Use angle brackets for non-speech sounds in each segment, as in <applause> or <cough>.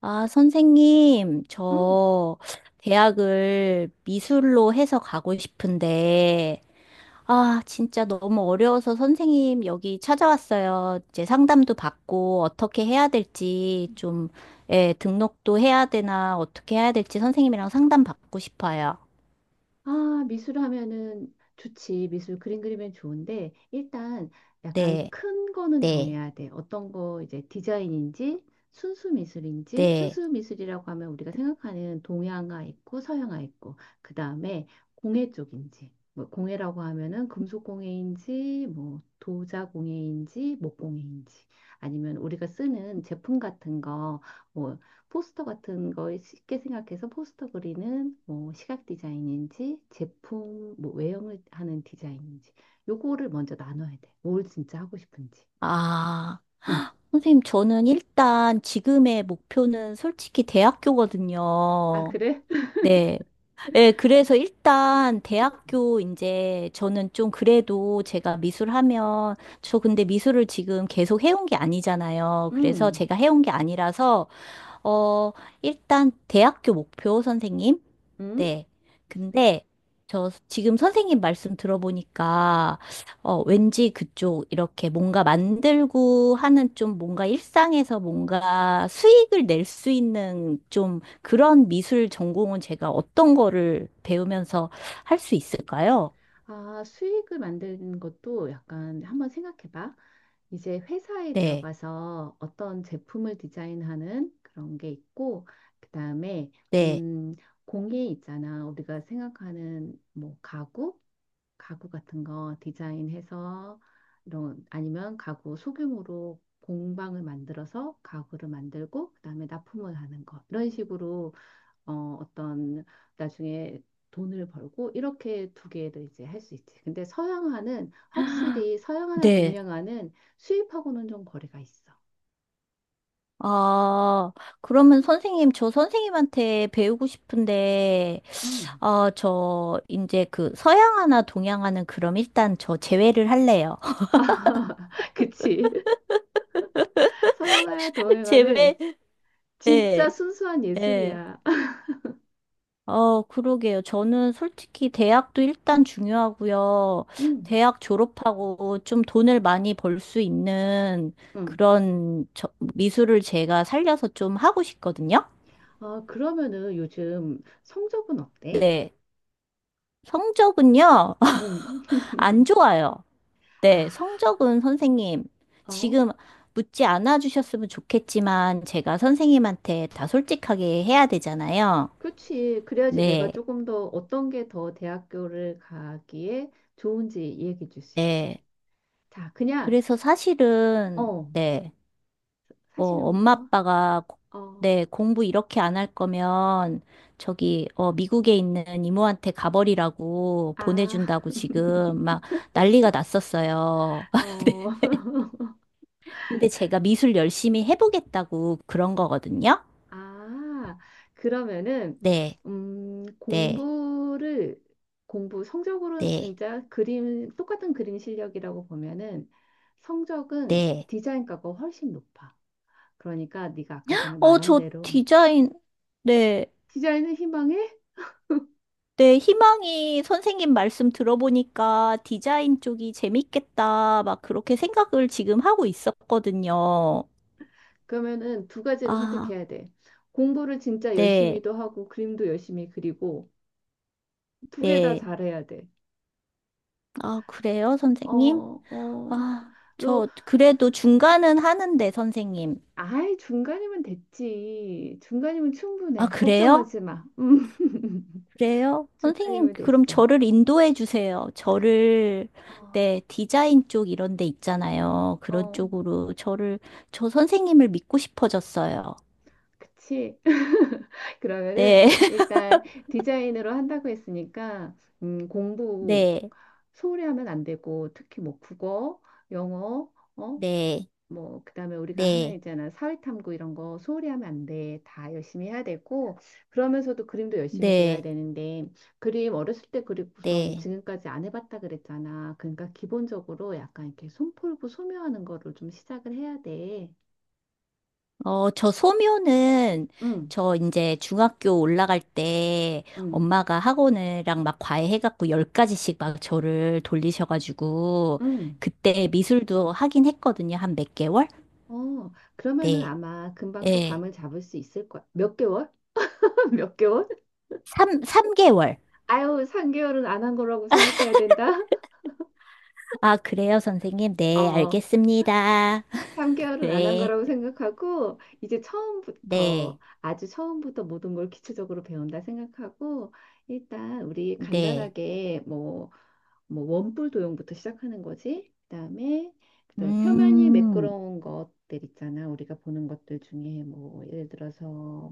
아, 선생님, 응. 저 대학을 미술로 해서 가고 싶은데, 아, 진짜 너무 어려워서 선생님 여기 찾아왔어요. 이제 상담도 받고 어떻게 해야 될지 좀, 예, 등록도 해야 되나 어떻게 해야 될지 선생님이랑 상담 받고 싶어요. 아, 미술 하면은 좋지. 미술 그림 그리면 좋은데 일단 약간 네, 큰 거는 네, 정해야 돼. 어떤 거 이제 디자인인지 순수 미술인지 네. 순수 미술이라고 하면 우리가 생각하는 동양화 있고 서양화 있고 그다음에 공예 쪽인지 뭐 공예라고 하면은 금속 공예인지 뭐 도자 공예인지 목 공예인지 아니면 우리가 쓰는 제품 같은 거뭐 포스터 같은 걸 쉽게 생각해서 포스터 그리는 뭐 시각 디자인인지 제품 뭐 외형을 하는 디자인인지 요거를 먼저 나눠야 돼. 뭘 진짜 하고 싶은지. 아, 응. 선생님, 저는 일단 지금의 목표는 솔직히 아, 대학교거든요. 그래? 네. 예, 그래서 일단 대학교 이제 저는 좀 그래도 제가 미술하면 저 근데 미술을 지금 계속 해온 게 아니잖아요. 그래서 응. 제가 해온 게 아니라서 어 일단 대학교 목표 선생님 응. 네. 근데 저 지금 선생님 말씀 들어보니까 왠지 그쪽 이렇게 뭔가 만들고 하는 좀 뭔가 일상에서 뭔가 수익을 낼 수 있는 좀 그런 미술 전공은 제가 어떤 거를 배우면서 할 수 있을까요? 아, 수익을 만드는 것도 약간 한번 생각해봐. 이제 회사에 네. 들어가서 어떤 제품을 디자인하는 그런 게 있고, 그 다음에, 네. 음, 공예 있잖아. 우리가 생각하는 뭐 가구, 가구 같은 거 디자인해서 이런 아니면 가구 소규모로 공방을 만들어서 가구를 만들고 그다음에 납품을 하는 것 이런 식으로 어, 어떤 나중에 돈을 벌고 이렇게 두 개를 이제 할 수 있지. 근데 서양화는 확실히 서양화나 네. 동양화는 수입하고는 좀 거리가 있어. 아, 그러면 선생님, 저 선생님한테 배우고 싶은데 음. 저, 이제 그, 서양 하나, 동양 하는 그럼 일단 저 제외를 할래요. <laughs> 그치. 서양화야 <laughs> 동양화는 제외? 진짜 네, 순수한 네. 예술이야. <laughs> 어, 그러게요. 저는 솔직히 대학도 일단 중요하고요. 응, 대학 졸업하고 좀 돈을 많이 벌 수 있는 응. 그런 저, 미술을 제가 살려서 좀 하고 싶거든요. 아, 그러면은 요즘 성적은 어때? 네. 성적은요, 응. <laughs> 안 좋아요. 아, 네, 성적은 선생님, 어, 지금 묻지 않아 주셨으면 좋겠지만, 제가 선생님한테 다 솔직하게 해야 되잖아요. 그치. 그래야지 내가 네, 조금 더 어떤 게 더 대학교를 가기에 좋은지 얘기해 줄 수 있지. 네. 자, 그냥, 그래서 사실은, 어, 네, 사실은 엄마 뭐, 아빠가, 어, 네, 공부 이렇게 안 할 거면, 저기, 미국에 있는 이모한테 가버리라고 아, 보내준다고 지금 막 난리가 났었어요. <laughs> 어, <laughs> 근데 제가 미술 열심히 해보겠다고 그런 거거든요. 아, 그러면은, 네, 음, 네, 공부를, 공부 성적으로 네, 진짜 그림, 똑같은 그림 실력이라고 보면은 성적은 네. 디자인과가 훨씬 높아. 그러니까 네가 아까 전에 말한 저 대로 디자인, 네. 디자인을 희망해? 네, 희망이 선생님 말씀 들어보니까 디자인 쪽이 재밌겠다, 막 그렇게 생각을 지금 하고 있었거든요. 그러면은 두 가지를 아, 선택해야 돼. 공부를 진짜 네, 열심히도 하고 그림도 열심히 그리고 두 개 다 네. 잘해야 돼. 아, 그래요, 선생님? 어, 어. 아, 너 저 그래도 중간은 하는데, 선생님. 아예 중간이면 됐지. 중간이면 아, 충분해. 그래요? 걱정하지 마. 음. <laughs> 그래요? 선생님, 중간이면 그럼 됐어. 저를 인도해 주세요. 저를, 어, 네, 디자인 쪽 이런 데 있잖아요. 그런 어. 쪽으로 저를, 저 선생님을 믿고 싶어졌어요. 그치? <laughs> 그러면은 네, <laughs> 일단 디자인으로 한다고 했으니까 공부 네, 소홀히 하면 안 되고 특히 뭐 국어, 영어, 어? 네, 뭐 그다음에 우리가 하는 네, 있잖아 사회탐구 이런 거 소홀히 하면 안 돼. 다 열심히 해야 되고 그러면서도 그림도 열심히 그려야 네, 되는데 그림 어렸을 때 그리고선 네. 지금까지 안 해봤다 그랬잖아. 그러니까 기본적으로 약간 이렇게 손 풀고 소묘하는 거를 좀 시작을 해야 돼. 저 소묘는 응, 저 이제 중학교 올라갈 때 응, 엄마가 학원이랑 막 과외해갖고 10가지씩 막 저를 돌리셔가지고 응. 그때 미술도 하긴 했거든요. 한 몇 개월? 어, 그러면은 네. 아마 금방 또 예. 감을 잡을 수 있을 거야. 몇 개월? <laughs> 몇 개월? 삼개월 아유, 3개월은 안 한 거라고 생각해야 된다. 아, 그래요, 선생님. 네, 어, 알겠습니다. <laughs> 3개월은 안 한 네, 거라고 생각하고, 이제 처음부터, 네, 아주 처음부터 모든 걸 기초적으로 배운다 생각하고, 일단 우리 네. 간단하게 뭐, 원뿔 도형부터 시작하는 거지. 그다음에 표면이 음, 매끄러운 것들 있잖아. 우리가 보는 것들 중에 뭐, 예를 들어서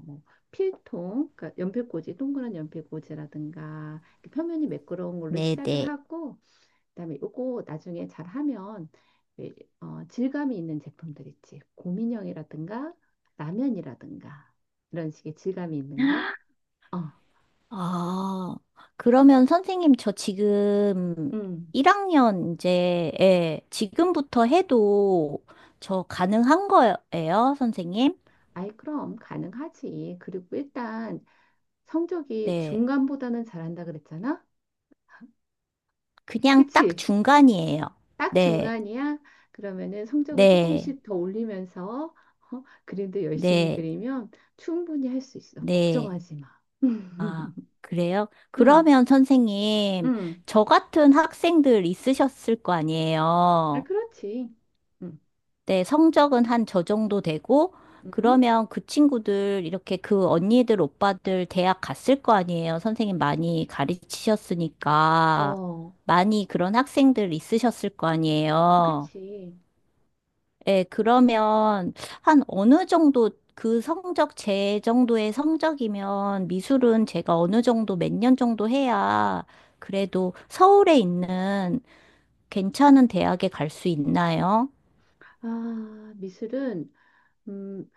뭐, 필통, 그러니까 연필꽂이, 동그란 연필꽂이라든가, 이렇게 표면이 매끄러운 걸로 네, 시작을 네. 하고, 그다음에 요거 나중에 잘 하면 왜, 질감이 있는 제품들 있지. 곰인형이라든가 라면이라든가 이런 식의 질감이 있는 거. 어, 아, 그러면 선생님, 저 지금 음. 1학년 이제, 예, 지금부터 해도 저 가능한 거예요, 선생님? 아이 그럼 가능하지. 그리고 일단 성적이 네. 중간보다는 잘한다 그랬잖아. 그냥 딱 그치? 중간이에요. 딱 네, 중간이야. 그러면은 성적을 네, 조금씩 더 올리면서 그림도 열심히 네, 그리면 충분히 할 수 있어. 네. 걱정하지 마. 아, <laughs> 그래요? 응, 그러면 선생님, 응, 저 같은 학생들 있으셨을 거 아, 아니에요? 그렇지. 응. 네, 성적은 한 저 정도 되고, 음? 그러면 그 친구들, 이렇게 그 언니들, 오빠들 대학 갔을 거 아니에요? 선생님 많이 가르치셨으니까. 어, 많이 그런 학생들 있으셨을 거 아니에요? 그치. 예, 그러면 한 어느 정도 그 성적 제 정도의 성적이면 미술은 제가 어느 정도 몇 년 정도 해야 그래도 서울에 있는 괜찮은 대학에 갈 수 있나요? 아, 미술은, 음,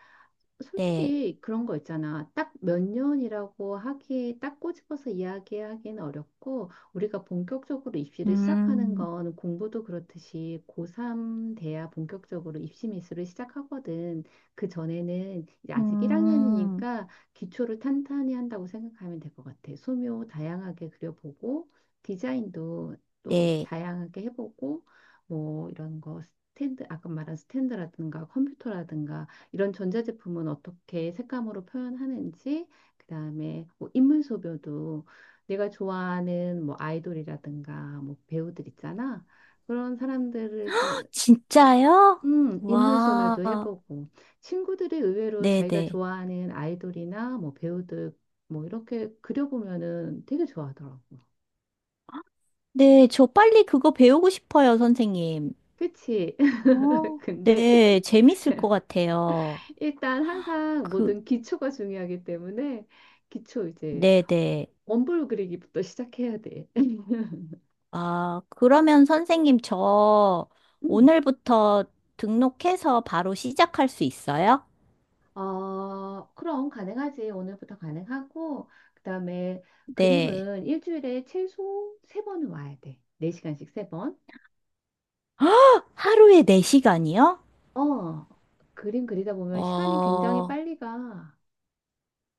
네. 솔직히 그런 거 있잖아. 딱 몇 년이라고 하기, 딱 꼬집어서 이야기하기는 어렵고, 우리가 본격적으로 입시를 시작하는 음, 건 공부도 그렇듯이 고3 돼야 본격적으로 입시 미술을 시작하거든. 그 전에는 이제 아직 음, 1학년이니까 기초를 탄탄히 한다고 생각하면 될 것 같아. 소묘 다양하게 그려보고, 디자인도 또 네. 다양하게 해보고, 뭐 이런 거 스탠드, 아까 말한 스탠드라든가 컴퓨터라든가 이런 전자제품은 어떻게 색감으로 표현하는지, 그다음에 뭐 인물 소묘도 내가 좋아하는 뭐 아이돌이라든가 뭐 배우들 있잖아. 그런 사람들을 이제, 진짜요? 인물 소묘도 와. 해보고 친구들이 의외로 자기가 네네. 좋아하는 아이돌이나 뭐 배우들 뭐 이렇게 그려보면은 되게 좋아하더라고. 네, 저 빨리 그거 배우고 싶어요, 선생님. 그치? <laughs> 어, 근데 네, 재밌을 것 같아요. 일단 항상 그, 모든 기초가 중요하기 때문에 기초 이제 네네. 원본 그리기부터 시작해야 돼. <laughs> 아, 그러면 선생님, 저 음, 오늘부터 등록해서 바로 시작할 수 있어요? 어, 그럼 가능하지. 오늘부터 가능하고, 그다음에 네. 그림은 일주일에 최소 세번은 와야 돼. 네시간씩세번 <gasps> 하루에 4시간이요? 어, 그림 그리다 보면 시간이 굉장히 어, 빨리 가.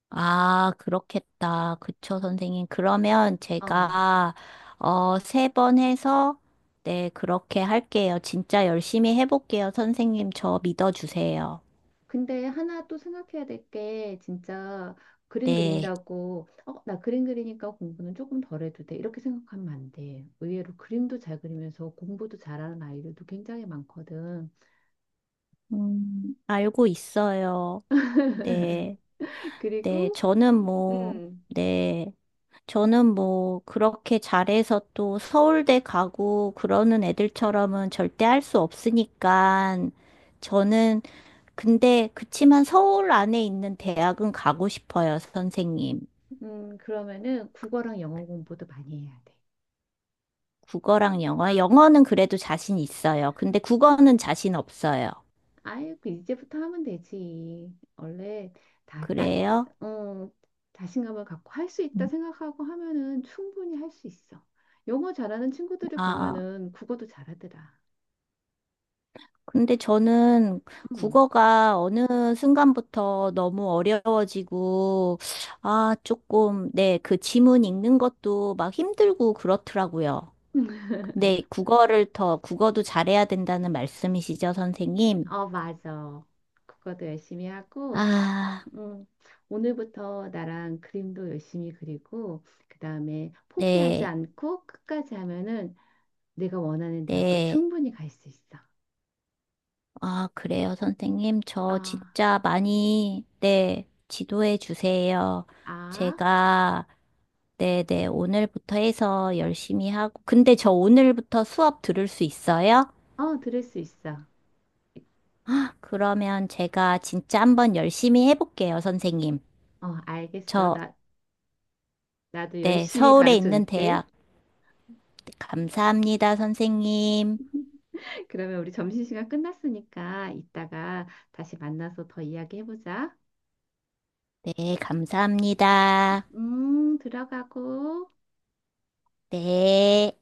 아, 그렇겠다. 그쵸, 선생님. 그러면 어, 제가, 3번 해서, 네, 그렇게 할게요. 진짜 열심히 해볼게요. 선생님, 저 믿어주세요. 근데 하나 또 생각해야 될 게, 진짜 그림 네. 그린다고, 어, 나 그림 그리니까 공부는 조금 덜 해도 돼. 이렇게 생각하면 안 돼. 의외로 그림도 잘 그리면서 공부도 잘하는 아이들도 굉장히 많거든. 알고 있어요. 네. <laughs> 네, 그리고, 저는 뭐, 음. 네. 저는 뭐 그렇게 잘해서 또 서울대 가고 그러는 애들처럼은 절대 할 수 없으니까 저는 근데 그치만 서울 안에 있는 대학은 가고 싶어요, 선생님. 그러면은 국어랑 영어 공부도 많이 해야 돼. 국어랑 영어. 영어는 그래도 자신 있어요. 근데 국어는 자신 없어요. 아유, 그 이제부터 하면 되지. 원래 다 딱, 그래요? 어, 자신감을 갖고 할 수 있다 음, 생각하고 하면은 충분히 할 수 있어. 영어 잘하는 친구들을 아. 보면은 국어도 잘하더라. 근데 저는 음, 국어가 어느 순간부터 너무 어려워지고, 아, 조금, 네, 그 지문 읽는 것도 막 힘들고 그렇더라고요. 근데 국어를 더, 국어도 잘해야 된다는 말씀이시죠, 선생님? 어, 맞아. 국어도 열심히 하고, 아, 음, 오늘부터 나랑 그림도 열심히 그리고, 그 다음에 포기하지 네, 않고 끝까지 하면은 내가 원하는 대학교 네. 충분히 갈 수 있어. 아, 그래요, 선생님. 저 아. 진짜 많이, 네, 지도해 주세요. 아, 제가, 네네, 오늘부터 해서 열심히 하고. 근데 저 오늘부터 수업 들을 수 있어요? 어, 들을 수 있어. 어, 아, 그러면 제가 진짜 한번 열심히 해볼게요, 선생님. 알겠어. 저, 나도 네, 열심히 서울에 가르쳐 있는 줄게. 대학. 네, 감사합니다, 선생님. <laughs> 그러면 우리 점심시간 끝났으니까 이따가 다시 만나서 더 이야기해보자. 네, 감사합니다. 들어가고. 네.